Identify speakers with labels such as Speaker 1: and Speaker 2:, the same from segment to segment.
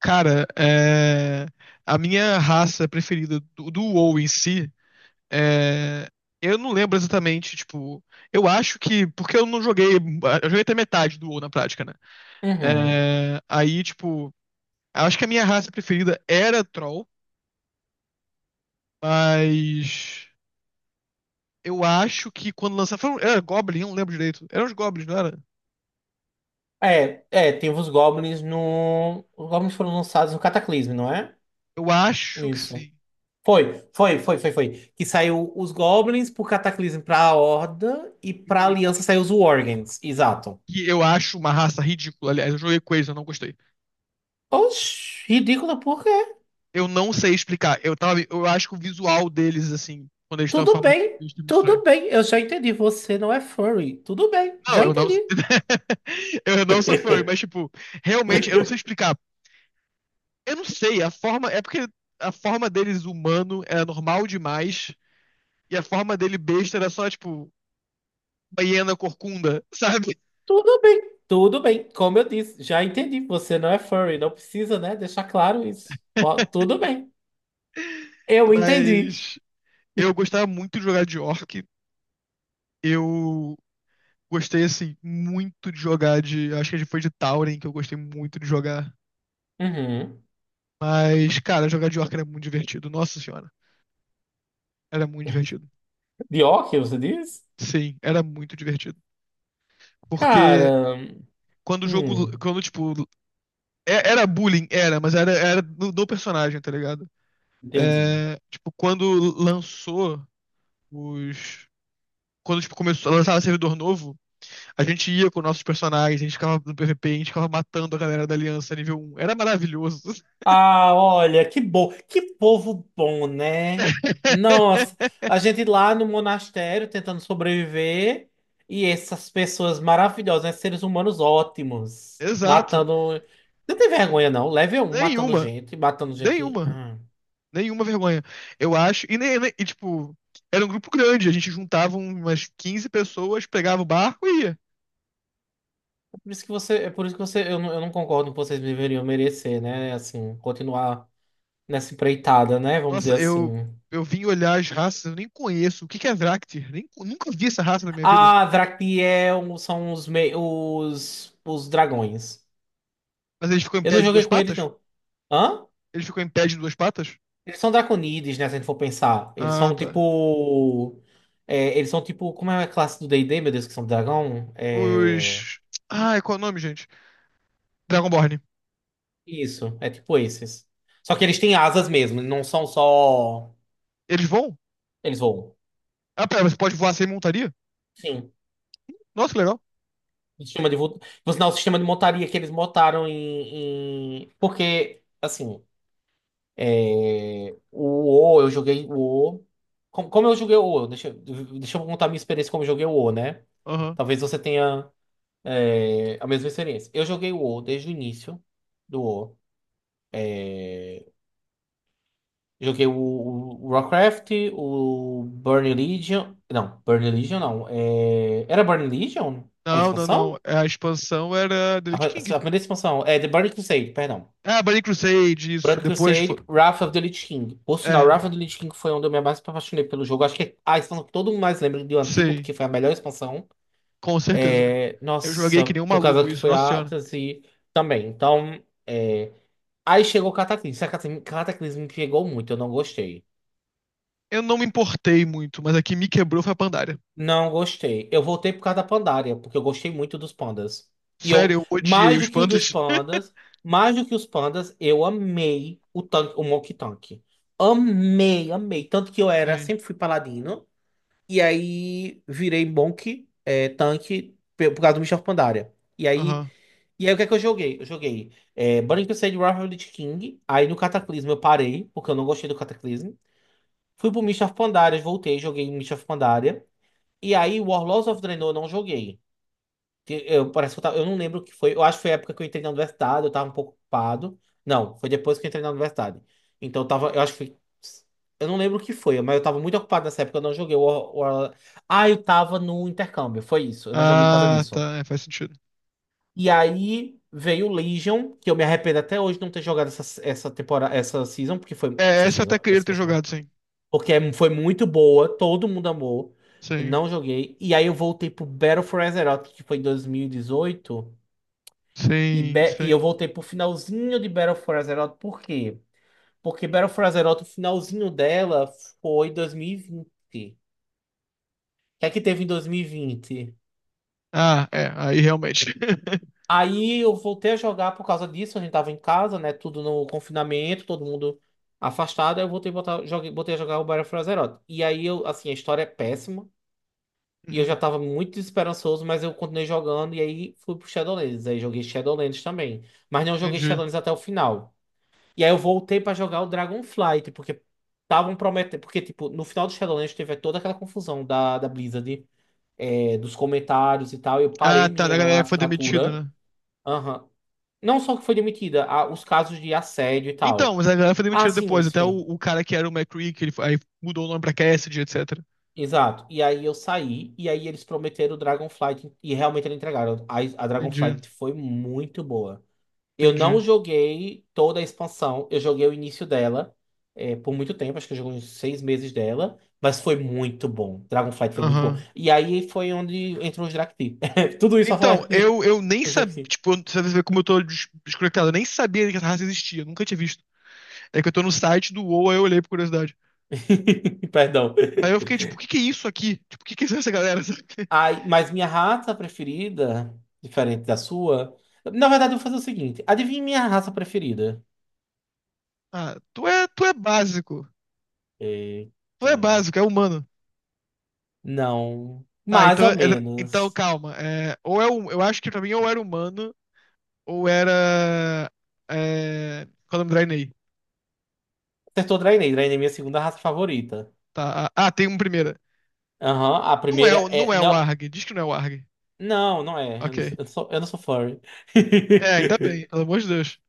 Speaker 1: Cara, a minha raça preferida do WoW em si, é, eu não lembro exatamente, tipo, eu acho que, porque eu não joguei, eu joguei até metade do WoW na prática, né?
Speaker 2: Uhum.
Speaker 1: É, aí, tipo, eu acho que a minha raça preferida era Troll, mas eu acho que quando lançaram, era Goblin, eu não lembro direito, eram os Goblins, não era?
Speaker 2: É, tem os Goblins no. Os Goblins foram lançados no Cataclismo, não é?
Speaker 1: Eu acho que
Speaker 2: Isso.
Speaker 1: sim,
Speaker 2: Foi, foi, foi, foi, foi. Que saiu os Goblins pro Cataclismo pra Horda e pra Aliança saiu os Worgens. Exato.
Speaker 1: que eu acho uma raça ridícula, aliás, eu joguei com eles, eu não gostei.
Speaker 2: Oxi, ridículo, por quê?
Speaker 1: Eu não sei explicar. Eu acho que o visual deles, assim, quando eles estão em
Speaker 2: Tudo
Speaker 1: forma de
Speaker 2: bem,
Speaker 1: besta, é muito estranho.
Speaker 2: tudo bem. Eu já entendi. Você não é furry. Tudo bem,
Speaker 1: Não,
Speaker 2: já
Speaker 1: eu não.
Speaker 2: entendi.
Speaker 1: Eu não sou fã, mas, tipo, realmente, eu não sei explicar. Eu não sei, a forma. É porque a forma deles humano era normal demais. E a forma dele besta era só, tipo, uma hiena corcunda, sabe?
Speaker 2: Tudo bem, tudo bem. Como eu disse, já entendi. Você não é furry. Não precisa, né? Deixar claro isso. Ó, tudo bem. Eu entendi.
Speaker 1: Mas eu gostava muito de jogar de orc. Eu gostei, assim, muito de jogar de. Acho que foi de Tauren que eu gostei muito de jogar.
Speaker 2: Uhum.
Speaker 1: Mas, cara, jogar de orc era muito divertido. Nossa senhora, era muito divertido.
Speaker 2: De óculos, você diz?
Speaker 1: Sim, era muito divertido. Porque
Speaker 2: Cara,
Speaker 1: quando o jogo,
Speaker 2: hum,
Speaker 1: quando, tipo, era bullying, era, mas era do personagem, tá ligado?
Speaker 2: entendi.
Speaker 1: É, tipo, quando lançou os... Quando, tipo, começou a lançar servidor novo, a gente ia com nossos personagens, a gente ficava no PVP, a gente ficava matando a galera da Aliança nível 1. Era maravilhoso.
Speaker 2: Ah, olha, que bom, que povo bom, né? Nossa, a gente lá no monastério tentando sobreviver e essas pessoas maravilhosas, né? Seres humanos ótimos,
Speaker 1: Exato.
Speaker 2: matando. Não tem vergonha, não. Level um matando
Speaker 1: Nenhuma.
Speaker 2: gente, matando gente.
Speaker 1: Nenhuma.
Speaker 2: Ah,
Speaker 1: Nenhuma vergonha. Eu acho. E, e, tipo, era um grupo grande. A gente juntava umas 15 pessoas, pegava o barco e ia.
Speaker 2: é por isso que você, é por isso que você, eu não concordo que vocês deveriam merecer, né? Assim, continuar nessa empreitada, né? Vamos dizer
Speaker 1: Nossa,
Speaker 2: assim.
Speaker 1: eu vim olhar as raças, eu nem conheço. O que que é Vrácter? Nem, nunca vi essa raça na minha vida.
Speaker 2: Ah, Drakniel são os dragões.
Speaker 1: Mas ele ficou em
Speaker 2: Eu
Speaker 1: pé
Speaker 2: não
Speaker 1: de
Speaker 2: joguei
Speaker 1: duas
Speaker 2: com eles,
Speaker 1: patas?
Speaker 2: não. Hã?
Speaker 1: Ele ficou em pé de duas patas?
Speaker 2: Eles são draconides, né? Se a gente for pensar. Eles
Speaker 1: Ah,
Speaker 2: são
Speaker 1: tá.
Speaker 2: tipo. É, eles são tipo. Como é a classe do D&D, meu Deus, que são dragão? É.
Speaker 1: Os. Ai, qual é o nome, gente? Dragonborn.
Speaker 2: Isso, é tipo esses. Só que eles têm asas mesmo, não são só.
Speaker 1: Eles voam?
Speaker 2: Eles voam.
Speaker 1: Ah, pera, você pode voar sem montaria?
Speaker 2: Sim.
Speaker 1: Nossa, que legal.
Speaker 2: O sistema de vo... Por sinal, o sistema de montaria que eles montaram em. Em... Porque, assim. É, o O, eu joguei o O. Como eu joguei o O? Deixa eu contar a minha experiência como eu joguei o O, né?
Speaker 1: Aham.
Speaker 2: Talvez você tenha a mesma experiência. Eu joguei o O desde o início do O. Joguei o Warcraft, o Burning Legion. Não, Burning Legion não. É, era Burning Legion? A
Speaker 1: Não, não, não.
Speaker 2: expansão?
Speaker 1: A expansão era The
Speaker 2: A,
Speaker 1: Lich
Speaker 2: a
Speaker 1: King.
Speaker 2: primeira expansão. É The Burning Crusade, perdão.
Speaker 1: Ah, Burning Crusade, isso.
Speaker 2: Brand
Speaker 1: Depois foi.
Speaker 2: Crusade, Wrath of the Lich King. Por sinal,
Speaker 1: É.
Speaker 2: Wrath of the Lich King foi onde eu me mais apaixonei pelo jogo. Acho que é a expansão que todo mundo mais lembra do antigo,
Speaker 1: Sim,
Speaker 2: porque foi a melhor expansão.
Speaker 1: com certeza.
Speaker 2: É,
Speaker 1: Eu joguei que
Speaker 2: nossa,
Speaker 1: nem um
Speaker 2: por causa
Speaker 1: maluco
Speaker 2: que
Speaker 1: isso,
Speaker 2: foi
Speaker 1: nossa
Speaker 2: a
Speaker 1: senhora.
Speaker 2: Atlas e também. Então, é, aí chegou o Cataclismo. Esse Cataclismo me pegou muito, eu não gostei.
Speaker 1: Eu não me importei muito, mas a que me quebrou foi a Pandaria.
Speaker 2: Não gostei. Eu voltei por causa da Pandaria, porque eu gostei muito dos pandas. E
Speaker 1: Sério,
Speaker 2: eu,
Speaker 1: eu odiei os pandas.
Speaker 2: mais do que os pandas, eu amei o tanque, o Monkey Tank. Amei, amei. Tanto que eu era,
Speaker 1: Sim,
Speaker 2: sempre fui paladino. E aí virei Monk tanque, por causa do Michel Pandaria. E aí,
Speaker 1: aham.
Speaker 2: e aí, o que é que eu joguei? Eu joguei Burning Crusade Wrath of the King. Aí no Cataclismo eu parei, porque eu não gostei do Cataclismo. Fui pro Mists of Pandaria, voltei, joguei Mists of Pandaria. E aí, Warlords of Draenor eu não joguei. Que Eu, parece que eu não lembro o que foi. Eu acho que foi a época que eu entrei na universidade, eu tava um pouco ocupado. Não, foi depois que eu entrei na universidade. Então eu tava, eu acho que foi. Eu não lembro o que foi, mas eu tava muito ocupado nessa época, eu não joguei o. Ah, eu tava no intercâmbio, foi isso. Eu não joguei por causa
Speaker 1: Ah,
Speaker 2: disso.
Speaker 1: tá, é, faz sentido.
Speaker 2: E aí veio Legion, que eu me arrependo até hoje de não ter jogado essa temporada, essa season, porque foi.
Speaker 1: É,
Speaker 2: Essa
Speaker 1: essa eu até
Speaker 2: season,
Speaker 1: queria ter jogado, sim.
Speaker 2: foi muito boa, todo mundo amou. Eu
Speaker 1: Sim,
Speaker 2: não joguei. E aí eu voltei pro Battle for Azeroth, que foi em 2018. E,
Speaker 1: sim,
Speaker 2: 18. E
Speaker 1: sim.
Speaker 2: eu voltei pro finalzinho de Battle for Azeroth, por quê? Porque Battle for Azeroth, o finalzinho dela foi 2020. O que é que teve em 2020?
Speaker 1: Ah, é, aí realmente.
Speaker 2: Aí eu voltei a jogar por causa disso, a gente tava em casa, né? Tudo no confinamento, todo mundo afastado. Aí eu voltei a botar, joguei, botei a jogar o Battle for Azeroth. E aí eu, assim, a história é péssima. E eu já
Speaker 1: Uhum,
Speaker 2: tava muito desesperançoso, mas eu continuei jogando e aí fui pro Shadowlands. Aí joguei Shadowlands também. Mas não joguei
Speaker 1: entendi.
Speaker 2: Shadowlands até o final. E aí eu voltei pra jogar o Dragonflight, porque estavam prometendo. Porque, tipo, no final do Shadowlands teve toda aquela confusão da Blizzard, dos comentários e tal. Eu
Speaker 1: Ah,
Speaker 2: parei
Speaker 1: tá, da
Speaker 2: minha
Speaker 1: galera que foi demitida,
Speaker 2: assinatura.
Speaker 1: né?
Speaker 2: Aham. Não só que foi demitida, os casos de assédio e
Speaker 1: Então,
Speaker 2: tal.
Speaker 1: mas a galera foi
Speaker 2: Ah,
Speaker 1: demitida
Speaker 2: sim,
Speaker 1: depois, até o,
Speaker 2: sim.
Speaker 1: o cara que era o McCree, que ele, aí mudou o nome pra Cassidy, etc.
Speaker 2: Exato. E aí eu saí, e aí eles prometeram o Dragonflight, e realmente eles entregaram. A
Speaker 1: Entendi,
Speaker 2: Dragonflight foi muito boa. Eu não
Speaker 1: entendi.
Speaker 2: joguei toda a expansão, eu joguei o início dela, por muito tempo, acho que eu joguei uns 6 meses dela, mas foi muito bom. Dragonflight foi muito bom.
Speaker 1: Aham.
Speaker 2: E aí foi onde entrou os Drakti. Tudo isso pra falar
Speaker 1: Então,
Speaker 2: aqui.
Speaker 1: eu nem
Speaker 2: Os
Speaker 1: sabia,
Speaker 2: Drakti.
Speaker 1: tipo, você vê como eu tô desconectado, eu nem sabia que essa raça existia, nunca tinha visto. É que eu tô no site do WoW, aí eu olhei por curiosidade.
Speaker 2: Perdão.
Speaker 1: Aí eu fiquei, tipo, o que que é isso aqui? Tipo, o que que é essa galera? Sabe?
Speaker 2: Ai, mas minha raça preferida, diferente da sua. Na verdade, eu vou fazer o seguinte: adivinha minha raça preferida?
Speaker 1: Ah, tu é básico. Tu
Speaker 2: Eita.
Speaker 1: é básico, é humano.
Speaker 2: Não.
Speaker 1: Tá,
Speaker 2: Mais
Speaker 1: então,
Speaker 2: ou
Speaker 1: então
Speaker 2: menos.
Speaker 1: calma. É, eu acho que pra mim ou era humano, ou era. É, qual é o nome do Draenei?
Speaker 2: Acertou Draenei. Draenei é minha segunda raça favorita.
Speaker 1: Tá, ah, ah, tem um primeiro.
Speaker 2: Aham, a
Speaker 1: Não é,
Speaker 2: primeira
Speaker 1: não
Speaker 2: é.
Speaker 1: é o
Speaker 2: Não,
Speaker 1: Arg, diz que não é o Arg.
Speaker 2: não, não é. Eu
Speaker 1: Ok.
Speaker 2: não sou, eu não sou eu não sou furry.
Speaker 1: É, ainda bem, pelo amor de Deus.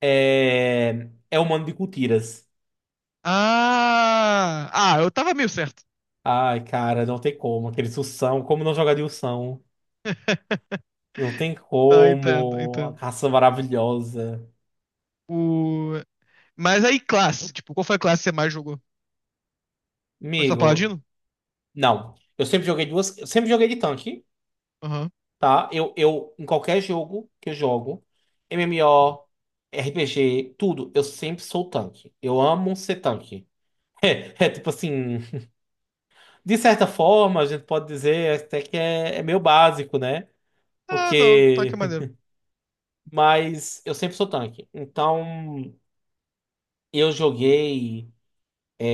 Speaker 2: É. É humano de cultiras.
Speaker 1: Ah! Ah, eu tava meio certo.
Speaker 2: Ai, cara, não tem como. Aqueles Ursão, como não jogar de Ursão? Não tem
Speaker 1: Tá, entendo,
Speaker 2: como. A
Speaker 1: entendo.
Speaker 2: caça maravilhosa.
Speaker 1: O... Mas aí, classe. Tipo, qual foi a classe que você mais jogou? Foi só
Speaker 2: Amigo,
Speaker 1: Paladino?
Speaker 2: não. Eu sempre joguei duas. Eu sempre joguei de tanque.
Speaker 1: Aham.
Speaker 2: Tá? Em qualquer jogo que eu jogo, MMO, RPG, tudo, eu sempre sou o tanque. Eu amo ser tanque. É tipo assim, de certa forma, a gente pode dizer até que é meio básico, né?
Speaker 1: Ah, não. Tá que
Speaker 2: Porque.
Speaker 1: maneiro.
Speaker 2: Mas eu sempre sou tanque. Então, eu joguei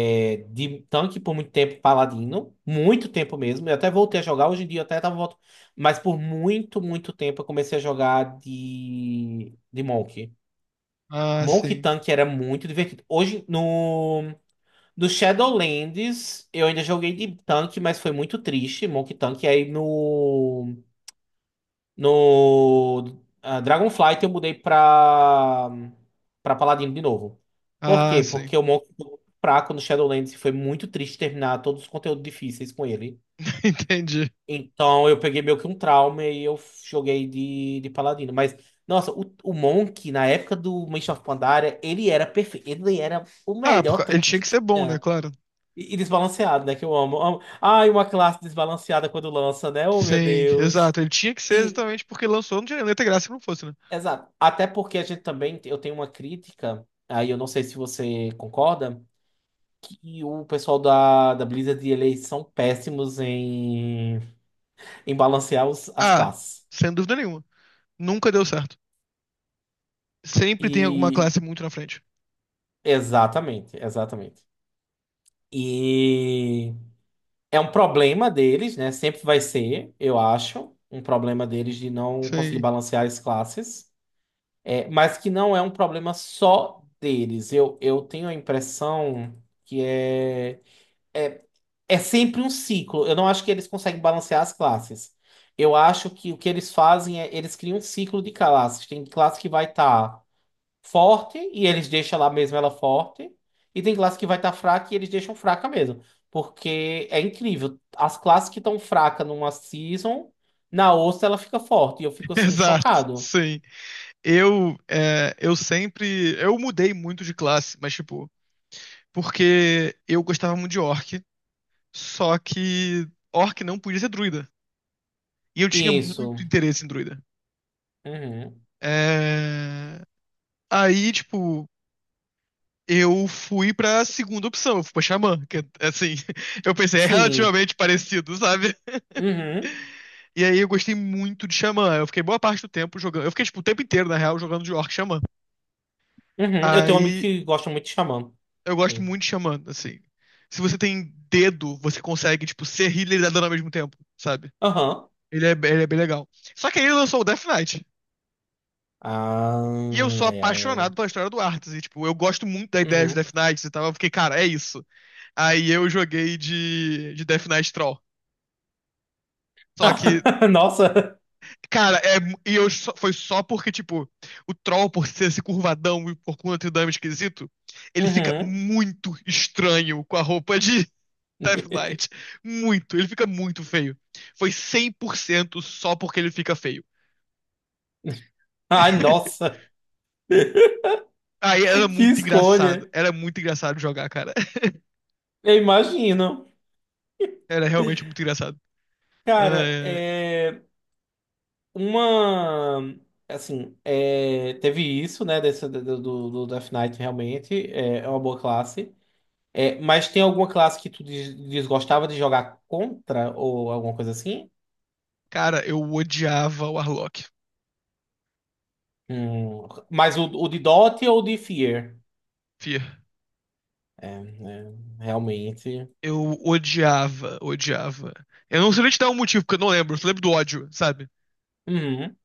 Speaker 2: de tanque por muito tempo, paladino. Muito tempo mesmo. Eu até voltei a jogar. Hoje em dia eu até tava voltando. Mas por muito, muito tempo eu comecei a jogar de Monk.
Speaker 1: Ah,
Speaker 2: Monkey
Speaker 1: sim.
Speaker 2: Tank era muito divertido. Hoje, no Shadowlands, eu ainda joguei de tanque, mas foi muito triste. Monkey Tank. Aí no Dragonflight eu mudei pra Paladino de novo. Por
Speaker 1: Ah,
Speaker 2: quê?
Speaker 1: sim.
Speaker 2: Porque o Monkey foi muito fraco no Shadowlands e foi muito triste terminar todos os conteúdos difíceis com ele.
Speaker 1: Entendi.
Speaker 2: Então eu peguei meio que um trauma e eu joguei de paladino. Mas, nossa, o Monk, na época do Mist of Pandaria, ele era perfeito. Ele era o
Speaker 1: Ah,
Speaker 2: melhor
Speaker 1: porque ele
Speaker 2: tanque
Speaker 1: tinha
Speaker 2: que
Speaker 1: que ser bom, né?
Speaker 2: tinha.
Speaker 1: Claro.
Speaker 2: E desbalanceado, né? Que eu amo, amo. Ai, uma classe desbalanceada quando lança, né? Oh, meu
Speaker 1: Sim,
Speaker 2: Deus.
Speaker 1: exato. Ele tinha que ser
Speaker 2: E,
Speaker 1: exatamente porque lançou, não tinha nem ter graça se não fosse, né?
Speaker 2: exato. Até porque a gente também, eu tenho uma crítica, aí eu não sei se você concorda, que o pessoal da Blizzard, eles são péssimos em balancear as
Speaker 1: Ah,
Speaker 2: classes.
Speaker 1: sem dúvida nenhuma. Nunca deu certo. Sempre tem alguma
Speaker 2: E
Speaker 1: classe muito na frente.
Speaker 2: exatamente, exatamente. E é um problema deles, né? Sempre vai ser, eu acho, um problema deles de não conseguir
Speaker 1: Sim,
Speaker 2: balancear as classes, é, mas que não é um problema só deles. Eu tenho a impressão que é, é sempre um ciclo. Eu não acho que eles conseguem balancear as classes. Eu acho que o que eles fazem é eles criam um ciclo de classes. Tem classe que vai estar forte e eles deixam lá mesmo ela forte. E tem classe que vai estar fraca e eles deixam fraca mesmo. Porque é incrível. As classes que estão fracas numa season, na outra ela fica forte. E eu fico assim,
Speaker 1: exato.
Speaker 2: chocado.
Speaker 1: Sim. Eu sempre. Eu mudei muito de classe, mas tipo. Porque eu gostava muito de orc, só que orc não podia ser druida. E eu tinha
Speaker 2: Isso.
Speaker 1: muito interesse em druida.
Speaker 2: Uhum.
Speaker 1: É, aí, tipo, eu fui pra segunda opção, eu fui pra xamã, que é assim. Eu pensei, é
Speaker 2: Sim.
Speaker 1: relativamente parecido, sabe?
Speaker 2: Uhum.
Speaker 1: E aí eu gostei muito de xamã. Eu fiquei boa parte do tempo jogando. Eu fiquei, tipo, o tempo inteiro, na real, jogando de orc e xamã.
Speaker 2: Uhum. Eu tenho um amigo
Speaker 1: Aí,
Speaker 2: que gosta muito de Xamã.
Speaker 1: eu gosto
Speaker 2: Sim.
Speaker 1: muito de Xamã, assim. Se você tem dedo, você consegue, tipo, ser healer e dar dano ao mesmo tempo, sabe?
Speaker 2: Aham.
Speaker 1: Ele é bem legal. Só que aí ele lançou o Death Knight.
Speaker 2: Ah,
Speaker 1: E eu sou
Speaker 2: é.
Speaker 1: apaixonado pela
Speaker 2: É.
Speaker 1: história do Arthas. E, tipo, eu gosto muito da ideia de
Speaker 2: Uhum.
Speaker 1: Death Knight e tal. Eu fiquei, cara, é isso. Aí eu joguei de Death Knight Troll. Só que,
Speaker 2: Nossa.
Speaker 1: cara, e foi só porque, tipo, o Troll, por ser esse curvadão e por conta do dano esquisito, ele fica
Speaker 2: Uhum.
Speaker 1: muito estranho com a roupa de, Death Knight. Muito. Ele fica muito feio. Foi 100% só porque ele fica feio.
Speaker 2: Ai, nossa.
Speaker 1: Aí era
Speaker 2: Que
Speaker 1: muito engraçado.
Speaker 2: escolha.
Speaker 1: Era muito engraçado jogar, cara.
Speaker 2: Eu imagino.
Speaker 1: Era realmente muito engraçado. Ah,
Speaker 2: Cara,
Speaker 1: é.
Speaker 2: é uma assim, teve isso, né, do Death Knight realmente, é uma boa classe. É, mas tem alguma classe que tu desgostava de jogar contra ou alguma coisa assim?
Speaker 1: Cara, eu odiava o Arlok.
Speaker 2: Mas o de Dot ou o de Fear?
Speaker 1: Fia.
Speaker 2: É, né, realmente.
Speaker 1: Eu odiava, odiava. Eu não sei nem te dar um motivo, porque eu não lembro. Eu só lembro do ódio, sabe?
Speaker 2: Uhum,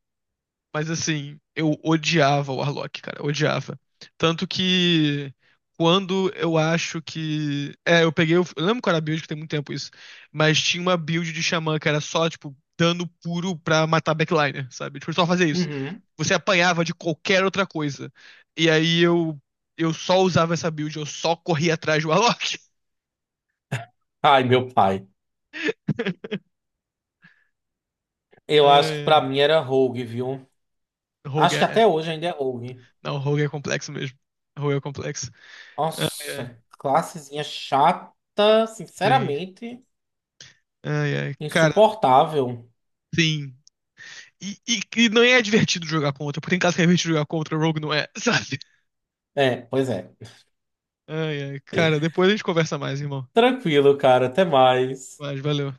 Speaker 1: Mas assim, eu odiava o Warlock, cara, odiava. Tanto que quando eu acho que. É, eu peguei. Eu lembro qual era a build, que tem muito tempo isso. Mas tinha uma build de Xamã que era só, tipo, dano puro pra matar backliner, sabe? Tipo, só fazer isso.
Speaker 2: uhum.
Speaker 1: Você apanhava de qualquer outra coisa. E aí eu. Eu só usava essa build, eu só corria atrás do Warlock.
Speaker 2: Ai, meu pai. Eu acho que
Speaker 1: É,
Speaker 2: pra mim era Rogue, viu?
Speaker 1: Rogue
Speaker 2: Acho que
Speaker 1: é.
Speaker 2: até hoje ainda é Rogue.
Speaker 1: Não, Rogue é complexo mesmo. Rogue é complexo. Ai,
Speaker 2: Nossa,
Speaker 1: ai.
Speaker 2: classezinha chata,
Speaker 1: Sim.
Speaker 2: sinceramente,
Speaker 1: Ai, ai. Cara,
Speaker 2: insuportável.
Speaker 1: sim. E não é divertido jogar contra, porque em caso que é divertido jogar contra, o Rogue não é, sabe?
Speaker 2: É, pois é.
Speaker 1: Ai, ai, cara, depois a gente conversa mais, irmão.
Speaker 2: Tranquilo, cara, até mais.
Speaker 1: Mas valeu.